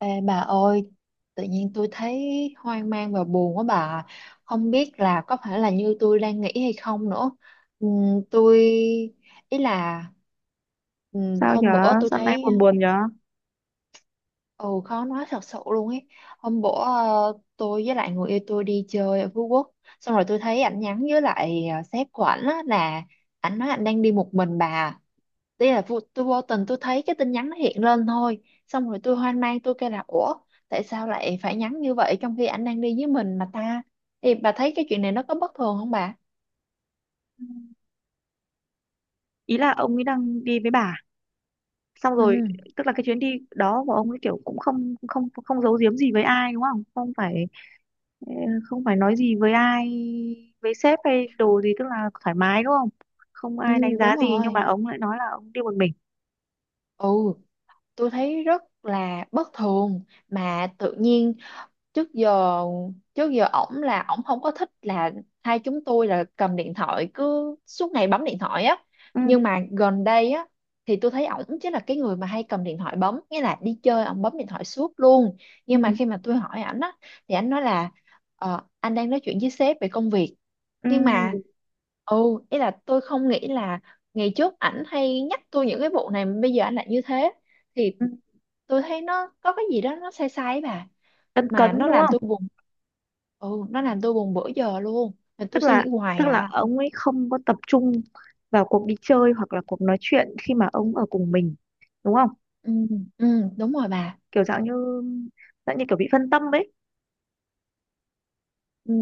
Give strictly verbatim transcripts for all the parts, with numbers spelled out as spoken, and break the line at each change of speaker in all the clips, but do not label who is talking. Ê, bà ơi, tự nhiên tôi thấy hoang mang và buồn quá bà. Không biết là có phải là như tôi đang nghĩ hay không nữa. Ừm, tôi ý là, ừm,
Sao
hôm
nhở?
bữa tôi
Sao nay
thấy...
buồn buồn nhở?
ừ, khó nói thật sự luôn ấy. Hôm bữa, ờ, tôi với lại người yêu tôi đi chơi ở Phú Quốc, xong rồi tôi thấy ảnh nhắn với lại, ờ, sếp của ảnh á, là ảnh nói ảnh đang đi một mình bà. Đây là vô, tôi vô tình tôi thấy cái tin nhắn nó hiện lên thôi, xong rồi tôi hoang mang, tôi kêu là ủa, tại sao lại phải nhắn như vậy trong khi ảnh đang đi với mình mà ta? Thì bà thấy cái chuyện này nó có bất thường không bà?
Ý là ông ấy đang đi với bà. Xong rồi,
Ừ.
tức là cái chuyến đi đó của ông ấy kiểu cũng không không không giấu giếm gì với ai đúng không? Không phải ờ, Không phải nói gì với ai, với sếp hay đồ gì, tức là thoải mái đúng không? Không ai đánh
Ừ, đúng
giá gì nhưng
rồi.
mà ông lại nói là ông đi một mình.
Ừ, tôi thấy rất là bất thường. Mà tự nhiên, trước giờ trước giờ ổng là ổng không có thích là hai chúng tôi là cầm điện thoại cứ suốt ngày bấm điện thoại á.
Ừ,
Nhưng mà gần đây á thì tôi thấy ổng chính là cái người mà hay cầm điện thoại bấm, nghĩa là đi chơi ổng bấm điện thoại suốt luôn.
ừ,
Nhưng mà khi mà tôi hỏi ảnh á thì ảnh nói là, ờ, anh đang nói chuyện với sếp về công việc.
ừ,
Nhưng mà, ừ, ý là tôi không nghĩ là... ngày trước ảnh hay nhắc tôi những cái vụ này mà bây giờ ảnh lại như thế. Thì
ừ.
tôi thấy nó có cái gì đó nó sai sai ấy bà,
Cấn cấn
mà nó
đúng
làm
không?
tôi buồn. Ừ, nó làm tôi buồn bữa giờ luôn mà tôi
Tức
suy
là
nghĩ hoài
tức là
à.
ông ấy không có tập trung vào cuộc đi chơi hoặc là cuộc nói chuyện khi mà ông ở cùng mình, đúng không?
Ừ, ừ, đúng rồi bà.
Kiểu dạng như, dạng như kiểu bị phân tâm ấy.
Ừ,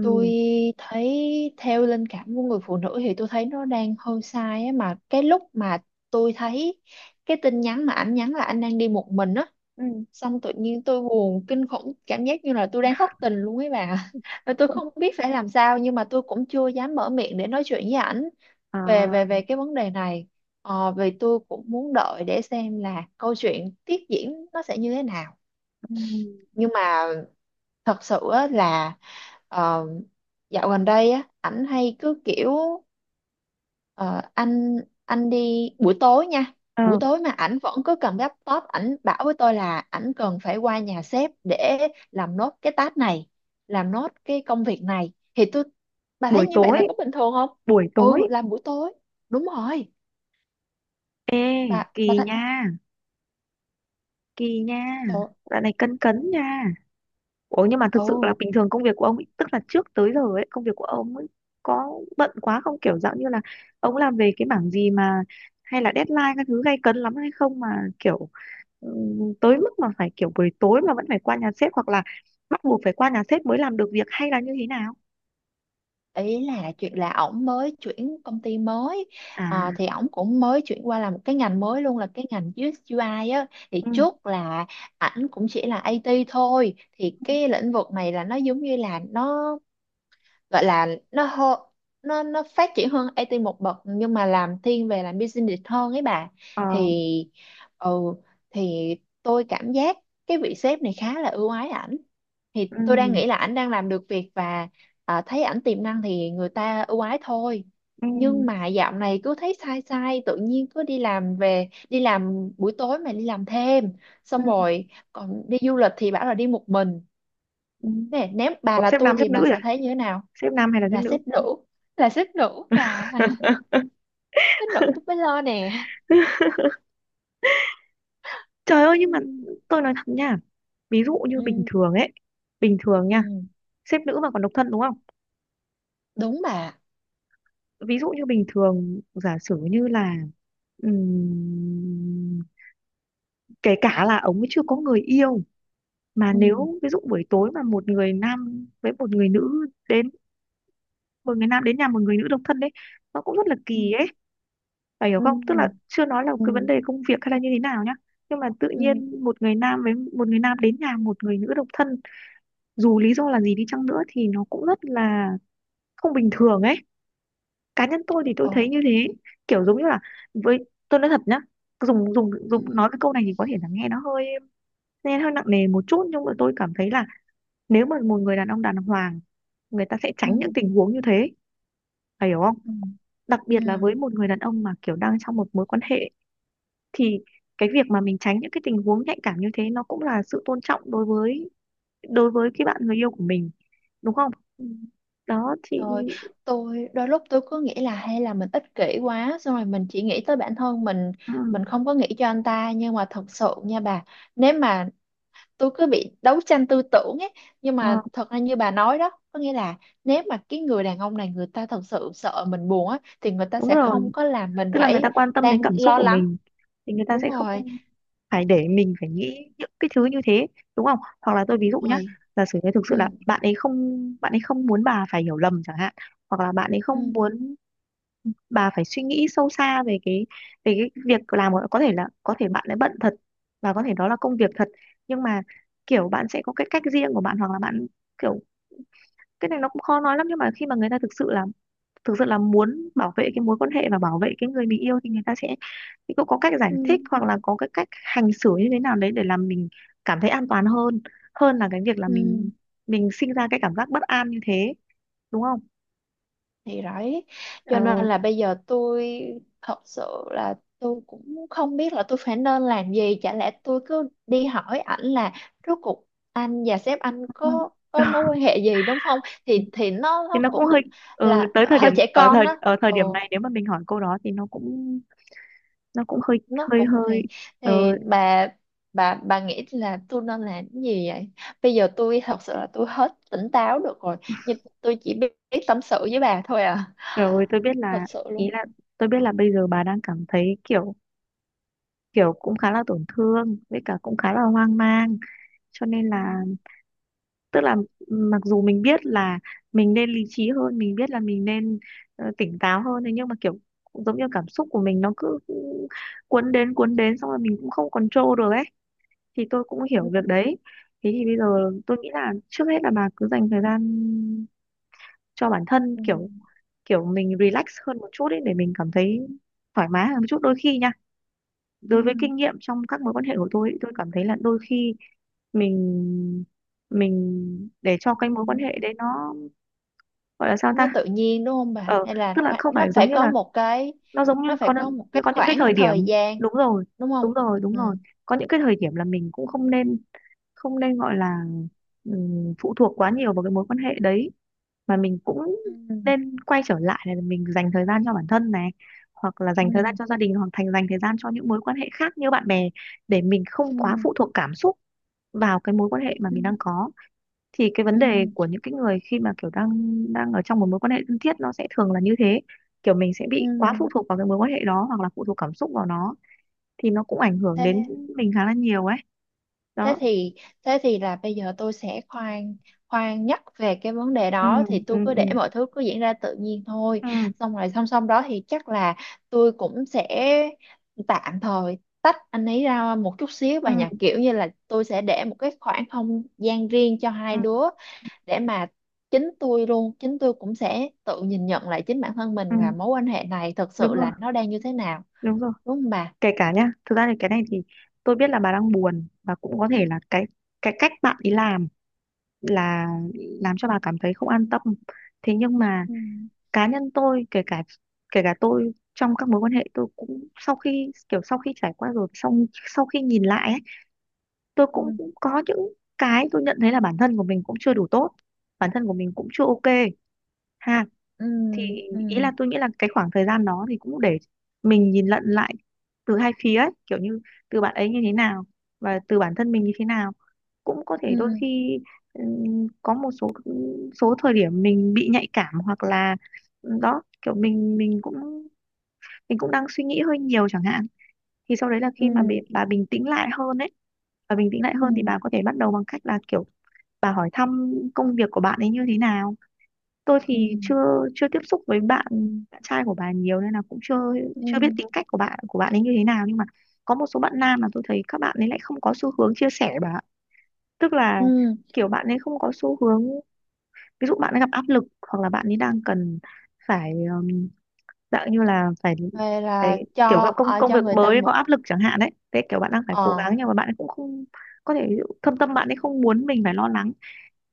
tôi thấy theo linh cảm của người phụ nữ thì tôi thấy nó đang hơi sai á. Mà cái lúc mà tôi thấy cái tin nhắn mà ảnh nhắn là anh đang đi một mình á,
Ừ.
xong tự nhiên tôi buồn kinh khủng, cảm giác như là tôi đang thất tình luôn ấy bà và tôi không biết phải làm sao, nhưng mà tôi cũng chưa dám mở miệng để nói chuyện với ảnh về về
À,
về cái vấn đề này. Ờ, vì tôi cũng muốn đợi để xem là câu chuyện tiếp diễn nó sẽ như thế nào.
ừ.
Nhưng mà thật sự á, là, ờ, dạo gần đây á ảnh hay cứ kiểu, Ờ, anh anh đi buổi tối nha. Buổi
Ờ,
tối mà ảnh vẫn cứ cầm laptop, ảnh bảo với tôi là ảnh cần phải qua nhà sếp để làm nốt cái task này, làm nốt cái công việc này. Thì tôi... bà thấy
buổi
như vậy
tối
là có bình thường không?
buổi tối.
Ừ, làm buổi tối, đúng rồi.
Ê,
bà
kỳ
bà thấy
nha, kỳ nha,
tôi...
dạo này cấn cấn nha. Ủa nhưng mà thực sự
ừ,
là bình thường công việc của ông ấy, tức là trước tới giờ ấy công việc của ông ấy có bận quá không, kiểu dạng như là ông làm về cái mảng gì mà hay là deadline các thứ gay cấn lắm hay không mà kiểu ừ, tới mức mà phải kiểu buổi tối mà vẫn phải qua nhà sếp hoặc là bắt buộc phải qua nhà sếp mới làm được việc hay là như thế nào?
ý là chuyện là ổng mới chuyển công ty mới.
À.
Ờ, thì ổng cũng mới chuyển qua làm một cái ngành mới luôn, là cái ngành diu ếch u i á. Thì
Ừ.
trước là ảnh cũng chỉ là a tê thôi. Thì cái lĩnh vực này là nó giống như là nó gọi là nó hô, nó nó phát triển hơn ai ti một bậc, nhưng mà làm thiên về làm business hơn ấy bà. Thì,
Ờ.
ừ, thì tôi cảm giác cái vị sếp này khá là ưu ái ảnh. Thì tôi đang
Ừ,
nghĩ là ảnh đang làm được việc và, à, thấy ảnh tiềm năng thì người ta ưu ái thôi.
ừ,
Nhưng mà dạo này cứ thấy sai sai, tự nhiên cứ đi làm về, đi làm buổi tối mà đi làm thêm,
ừ,
xong rồi còn đi du lịch thì bảo là đi một mình.
ừ.
Nè, nếu bà
Có
là
xếp
tôi
nam xếp
thì
nữ
bà
rồi à?
sẽ thấy như thế nào?
Xếp nam hay là xếp
Là xếp
nữ?
đủ. Là xếp đủ và xếp đủ tôi mới lo nè.
Trời ơi,
Ừ,
nhưng mà tôi nói thật nha. Ví dụ như bình
ừ,
thường ấy. Bình thường nha,
ừ.
xếp nữ mà còn độc thân đúng không?
Đúng bà.
Ví dụ như bình thường giả sử như là ừm, kể cả là ông ấy chưa có người yêu. Mà
Ừ,
nếu ví dụ buổi tối mà một người nam với một người nữ đến, một người nam đến nhà một người nữ độc thân đấy, nó cũng rất là
ừ,
kỳ ấy. Bà hiểu
ừ,
không? Tức là chưa nói là
ừ,
cái vấn đề công việc hay là như thế nào nhá. Nhưng mà tự
ừ.
nhiên một người nam với một người nam đến nhà một người nữ độc thân, dù lý do là gì đi chăng nữa thì nó cũng rất là không bình thường ấy. Cá nhân tôi thì tôi thấy
Ồ.
như thế, kiểu giống như là, với tôi nói thật nhá, dùng dùng
Ừ,
dùng nói cái câu này thì có thể là nghe nó hơi, nghe hơi nặng nề một chút, nhưng mà tôi cảm thấy là nếu mà một người đàn ông đàng hoàng, người ta sẽ
ừ,
tránh những tình huống như thế, phải hiểu không?
ừ,
Đặc
ừ,
biệt là với một người đàn ông mà kiểu đang trong một mối quan hệ, thì cái việc mà mình tránh những cái tình huống nhạy cảm như thế nó cũng là sự tôn trọng đối với, đối với cái bạn người yêu của mình, đúng không?
ừ.
Đó thì
Rồi, tôi đôi lúc tôi cứ nghĩ là hay là mình ích kỷ quá, xong rồi mình chỉ nghĩ tới bản thân mình
ừ,
mình không có nghĩ cho anh ta, nhưng mà thật sự nha bà, nếu mà... tôi cứ bị đấu tranh tư tưởng ấy. Nhưng
ờ,
mà thật ra như bà nói đó, có nghĩa là nếu mà cái người đàn ông này người ta thật sự sợ mình buồn á thì người ta
đúng
sẽ không
rồi,
có làm mình
tức là người
phải
ta quan tâm đến
đang
cảm xúc
lo
của
lắng.
mình thì người ta
Đúng
sẽ
rồi.
không phải để mình phải nghĩ những cái thứ như thế, đúng không? Hoặc là tôi ví dụ nhá,
Rồi.
giả sử như thực
Ừ.
sự là bạn ấy không, bạn ấy không muốn bà phải hiểu lầm chẳng hạn, hoặc là bạn ấy
Ừ.
không muốn bà phải suy nghĩ sâu xa về cái, về cái việc làm của- có thể là có thể bạn lại bận thật, và có thể đó là công việc thật, nhưng mà kiểu bạn sẽ có cái cách riêng của bạn, hoặc là bạn kiểu, cái này nó cũng khó nói lắm, nhưng mà khi mà người ta thực sự là thực sự là muốn bảo vệ cái mối quan hệ và bảo vệ cái người mình yêu, thì người ta sẽ, thì cũng có cách giải
Ừ.
thích hoặc là có cái cách hành xử như thế nào đấy để làm mình cảm thấy an toàn hơn, hơn là cái việc là
Ừ.
mình mình sinh ra cái cảm giác bất an như thế, đúng không?
Thì đấy, cho
Ờ.
nên là bây giờ tôi... thật sự là tôi cũng không biết là tôi phải nên làm gì. Chả lẽ tôi cứ đi hỏi ảnh là, rốt cuộc anh và sếp anh có có mối quan hệ gì, đúng không? Thì thì nó
Thì
nó
nó cũng hơi,
cũng...
ừ,
là
tới thời
hơi
điểm,
trẻ
ở
con
thời
đó.
ở thời điểm
Ồ,
này nếu mà mình hỏi câu đó thì nó cũng, nó cũng hơi
nó
hơi
cũng
hơi.
kỳ.
ờ,
Thì bà, bà bà nghĩ là tôi nên làm cái gì vậy? Bây giờ tôi thật sự là tôi hết tỉnh táo được rồi, nhưng tôi chỉ biết biết tâm sự với bà thôi à,
Rồi tôi biết
thật
là,
sự
ý
luôn.
là, tôi biết là bây giờ bà đang cảm thấy kiểu, kiểu cũng khá là tổn thương với cả cũng khá là hoang mang, cho nên
Ừ.
là, tức là mặc dù mình biết là mình nên lý trí hơn, mình biết là mình nên ờ, tỉnh táo hơn, thế nhưng mà kiểu giống như cảm xúc của mình nó cứ cuốn đến, cuốn đến, xong rồi mình cũng không control được ấy, thì tôi cũng hiểu việc
Ừ.
đấy. Thế thì bây giờ tôi nghĩ là trước hết là bà cứ dành thời gian cho bản thân,
Ừ.
kiểu, kiểu mình relax hơn một chút ấy để mình cảm thấy thoải mái hơn một chút. Đôi khi nha,
Ừ.
đối với kinh nghiệm trong các mối quan hệ của tôi ý, tôi cảm thấy là đôi khi mình, mình để cho
Ừ.
cái mối quan hệ đấy nó gọi là sao
Nó
ta,
tự nhiên đúng không bà?
ờ,
Hay là
tức là
khoảng-
không
nó
phải
phải
giống như
có
là,
một cái
nó giống như
nó phải
có
có
những-
một cái
có những cái
khoảng
thời
thời
điểm,
gian,
đúng rồi,
đúng không?
đúng rồi, đúng
Ừ.
rồi, có những cái thời điểm là mình cũng không nên, không nên gọi là ừm, phụ thuộc quá nhiều vào cái mối quan hệ đấy, mà mình cũng
Ừ.
nên quay trở lại là mình dành thời gian cho bản thân này, hoặc là
Ừ.
dành thời gian cho gia đình hoặc thành dành thời gian cho những mối quan hệ khác như bạn bè, để mình không
Ừ.
quá phụ thuộc cảm xúc vào cái mối quan hệ mà
Ừ. Ừ.
mình đang có. Thì cái vấn
Ừ.
đề của những cái người khi mà kiểu đang, đang ở trong một mối quan hệ thân thiết nó sẽ thường là như thế, kiểu mình sẽ
Ừ.
bị quá phụ thuộc vào cái mối quan hệ đó hoặc là phụ thuộc cảm xúc vào nó, thì nó cũng ảnh hưởng đến
Thế,
mình khá là nhiều ấy.
thế
Đó.
thì thế thì là bây giờ tôi sẽ khoan khoan nhắc về cái vấn đề
Ừ,
đó. Thì
ừ,
tôi cứ
ừ,
để mọi thứ cứ diễn ra tự nhiên thôi,
ừ,
xong rồi song song đó thì chắc là tôi cũng sẽ tạm thời tách anh ấy ra một chút xíu và nhà,
ừ.
kiểu như là tôi sẽ để một cái khoảng không gian riêng cho
Ừ,
hai đứa, để mà chính tôi luôn chính tôi cũng sẽ tự nhìn nhận lại chính bản thân
ừ,
mình và mối quan hệ này thật
đúng
sự
rồi,
là nó đang như thế nào,
đúng rồi.
đúng không bà?
Kể cả nhá, thực ra thì cái này thì tôi biết là bà đang buồn, và cũng có thể là cái cái cách bạn ấy làm là làm cho bà cảm thấy không an tâm. Thế nhưng mà
Ừ.
cá nhân tôi, kể cả, kể cả tôi trong các mối quan hệ, tôi cũng sau khi kiểu sau khi trải qua rồi, xong sau khi nhìn lại ấy, tôi
Ừ.
cũng, cũng có những cái tôi nhận thấy là bản thân của mình cũng chưa đủ tốt, bản thân của mình cũng chưa ok ha.
Ừ,
Thì
ừ,
ý là tôi nghĩ là cái khoảng thời gian đó thì cũng để mình nhìn lận lại từ hai phía ấy, kiểu như từ bạn ấy như thế nào và từ bản thân mình như thế nào. Cũng có
ừ,
thể đôi khi ừm, có một số, ừ, số thời điểm mình bị nhạy cảm hoặc là ừ, đó kiểu mình, mình cũng mình cũng đang suy nghĩ hơi nhiều chẳng hạn, thì sau đấy là
ừ,
khi mà bị, bà bình tĩnh lại hơn ấy, bà bình tĩnh lại
ừ,
hơn thì bà có thể bắt đầu bằng cách là kiểu bà hỏi thăm công việc của bạn ấy như thế nào. Tôi
ừ,
thì chưa, chưa tiếp xúc với bạn bạn trai của bà nhiều nên là cũng chưa,
ừ,
chưa biết tính cách của bạn của bạn ấy như thế nào, nhưng mà có một số bạn nam mà tôi thấy các bạn ấy lại không có xu hướng chia sẻ bà ạ. Tức là
ừ.
kiểu bạn ấy không có xu hướng, ví dụ bạn ấy gặp áp lực hoặc là bạn ấy đang cần phải um, dạng như là phải,
Vậy là
phải kiểu
cho,
gặp công,
ờ,
công
cho
việc
người ta
mới có
một...
áp lực chẳng hạn đấy, thế kiểu bạn đang phải cố
ờ
gắng nhưng mà bạn ấy cũng không, có thể ví dụ thâm tâm bạn ấy không muốn mình phải lo lắng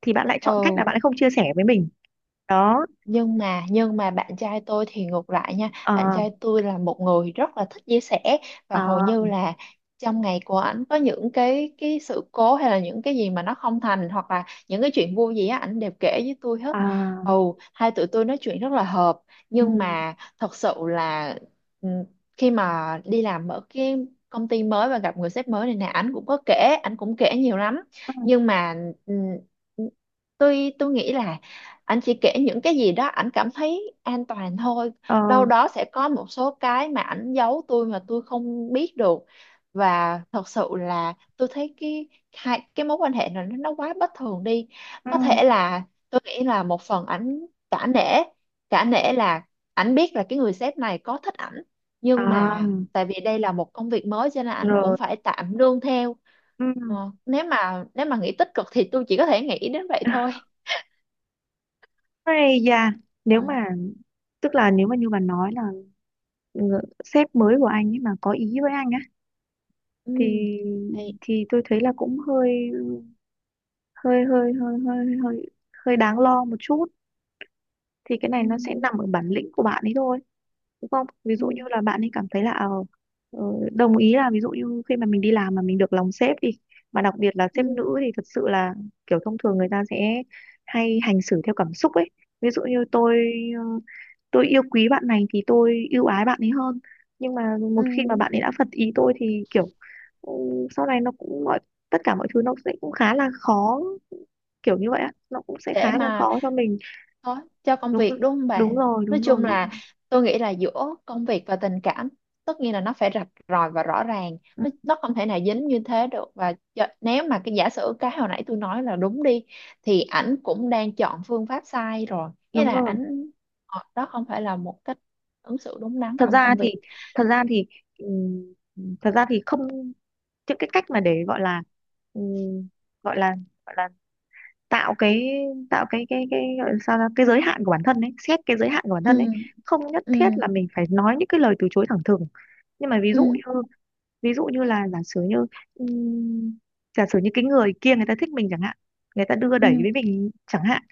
thì bạn lại chọn cách là
ừ.
bạn ấy không chia sẻ với mình. Đó.
Nhưng mà nhưng mà bạn trai tôi thì ngược lại nha, bạn
Ờ.
trai tôi là một người rất là thích chia sẻ. Và
Ờ.
hầu như là trong ngày của ảnh có những cái cái sự cố hay là những cái gì mà nó không thành, hoặc là những cái chuyện vui gì á, ảnh đều kể với tôi hết.
À.
Ồ, hai tụi tôi nói chuyện rất là hợp.
Ừ,
Nhưng mà thật sự là, ừ, khi mà đi làm ở cái công ty mới và gặp người sếp mới này nè, ảnh cũng có kể, ảnh cũng kể nhiều lắm.
ừ.
Nhưng mà, ừ, tôi tôi nghĩ là anh chỉ kể những cái gì đó ảnh cảm thấy an toàn thôi.
Ờ.
Đâu đó sẽ có một số cái mà ảnh giấu tôi mà tôi không biết được. Và thật sự là tôi thấy cái... hai cái mối quan hệ này nó nó quá bất thường đi.
Ừ.
Có thể là, tôi nghĩ là một phần ảnh cả nể. Cả nể là ảnh biết là cái người sếp này có thích ảnh, nhưng
À
mà tại vì đây là một công việc mới cho nên ảnh
rồi.
cũng phải tạm nương theo.
Ừ.
Ờ, nếu mà nếu mà nghĩ tích cực thì tôi chỉ có thể nghĩ đến vậy thôi.
Ây da, nếu mà, tức là nếu mà như bà nói là ngự- sếp mới của anh ấy mà có ý với anh á
Ừ.
thì,
Thì,
thì tôi thấy là cũng hơi hơi hơi hơi hơi hơi hơi đáng lo một chút, thì cái này
ừ,
nó sẽ nằm ở bản lĩnh của bạn ấy thôi, đúng không? Ví
ừ,
dụ như là bạn ấy cảm thấy là ờ, ờ, đồng ý là ví dụ như khi mà mình đi làm mà mình được lòng sếp đi, mà đặc biệt là
ừ,
sếp nữ, thì thật sự là kiểu thông thường người ta sẽ hay hành xử theo cảm xúc ấy, ví dụ như tôi, ờ, tôi yêu quý bạn này thì tôi ưu ái bạn ấy hơn, nhưng mà
ừ.
một khi mà bạn ấy đã phật ý tôi thì kiểu ừ, sau này nó cũng mọi tất cả mọi thứ nó sẽ cũng khá là khó, kiểu như vậy á, nó cũng sẽ
Để
khá là
mà
khó cho mình.
có cho công
Đúng
việc,
rồi,
đúng không bà?
đúng rồi,
Nói
đúng
chung
rồi, đúng
là
rồi,
tôi nghĩ là giữa công việc và tình cảm, tất nhiên là nó phải rạch ròi và rõ ràng.
ừ,
Nó, nó không thể nào dính như thế được. Và cho- nếu mà cái giả sử cái hồi nãy tôi nói là đúng đi, thì ảnh cũng đang chọn phương pháp sai rồi, nghĩa
đúng
là
rồi.
ảnh, ờ, đó không phải là một cách ứng xử đúng đắn
Thật
trong
ra
công việc.
thì, thật ra thì ừm, thật ra thì không, những cái cách mà để gọi là ừm, gọi là, gọi là tạo cái, tạo cái cái cái gọi là sao ra cái giới hạn của bản thân ấy, xét cái giới hạn của bản
Ừ.
thân ấy, không nhất
Ừ.
thiết là mình phải nói những cái lời từ chối thẳng thừng, nhưng mà ví dụ như,
Ừ.
ví dụ như là giả sử như ừm, giả sử như cái người kia người ta thích mình chẳng hạn, người ta đưa
Ừ.
đẩy với mình chẳng hạn,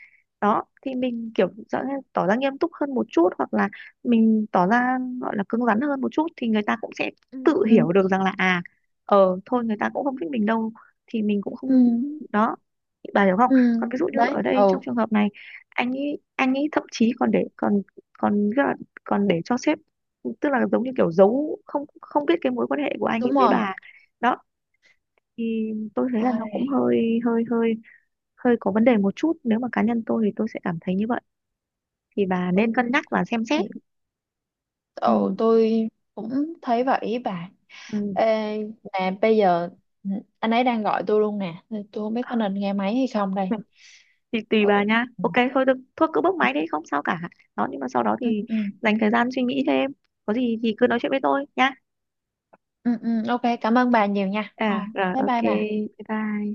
đó thì mình kiểu rõ ràng tỏ ra nghiêm túc hơn một chút hoặc là mình tỏ ra gọi là cứng rắn hơn một chút thì người ta cũng sẽ
Ừ.
tự
Ừ.
hiểu được rằng là à, ờ thôi người ta cũng không thích mình đâu, thì mình cũng
Ừ.
không. Đó. Bà hiểu không?
Ừ,
Còn ví dụ như
đấy,
ở đây
ừ,
trong trường hợp này anh ấy, anh ấy thậm chí còn để còn còn còn để cho sếp, tức là giống như kiểu giấu, không không biết cái mối quan hệ của anh ấy
đúng
với
rồi.
bà. Đó thì tôi thấy là nó
Ôi,
cũng hơi hơi hơi, hơi có vấn đề một chút, nếu mà cá nhân tôi thì tôi sẽ cảm thấy như vậy, thì bà
ừ,
nên cân nhắc và xem xét.
thì, ừ,
Ừ,
tôi cũng thấy vậy bà.
ừ.
Ê, nè, bây giờ anh ấy đang gọi tôi luôn nè, nên tôi không biết có nên nghe máy hay không đây.
Thì tùy
Ừ,
bà nha,
ừ,
ok thôi, được thôi, cứ bốc máy đi không sao cả. Đó nhưng mà sau đó
ừ,
thì
ừ,
dành thời gian suy nghĩ thêm, có gì thì cứ nói chuyện với tôi nha.
ừ, ừ, ok, cảm ơn bà nhiều nha.
À
Ờ,
rồi,
bye
ok,
bye bà.
bye bye.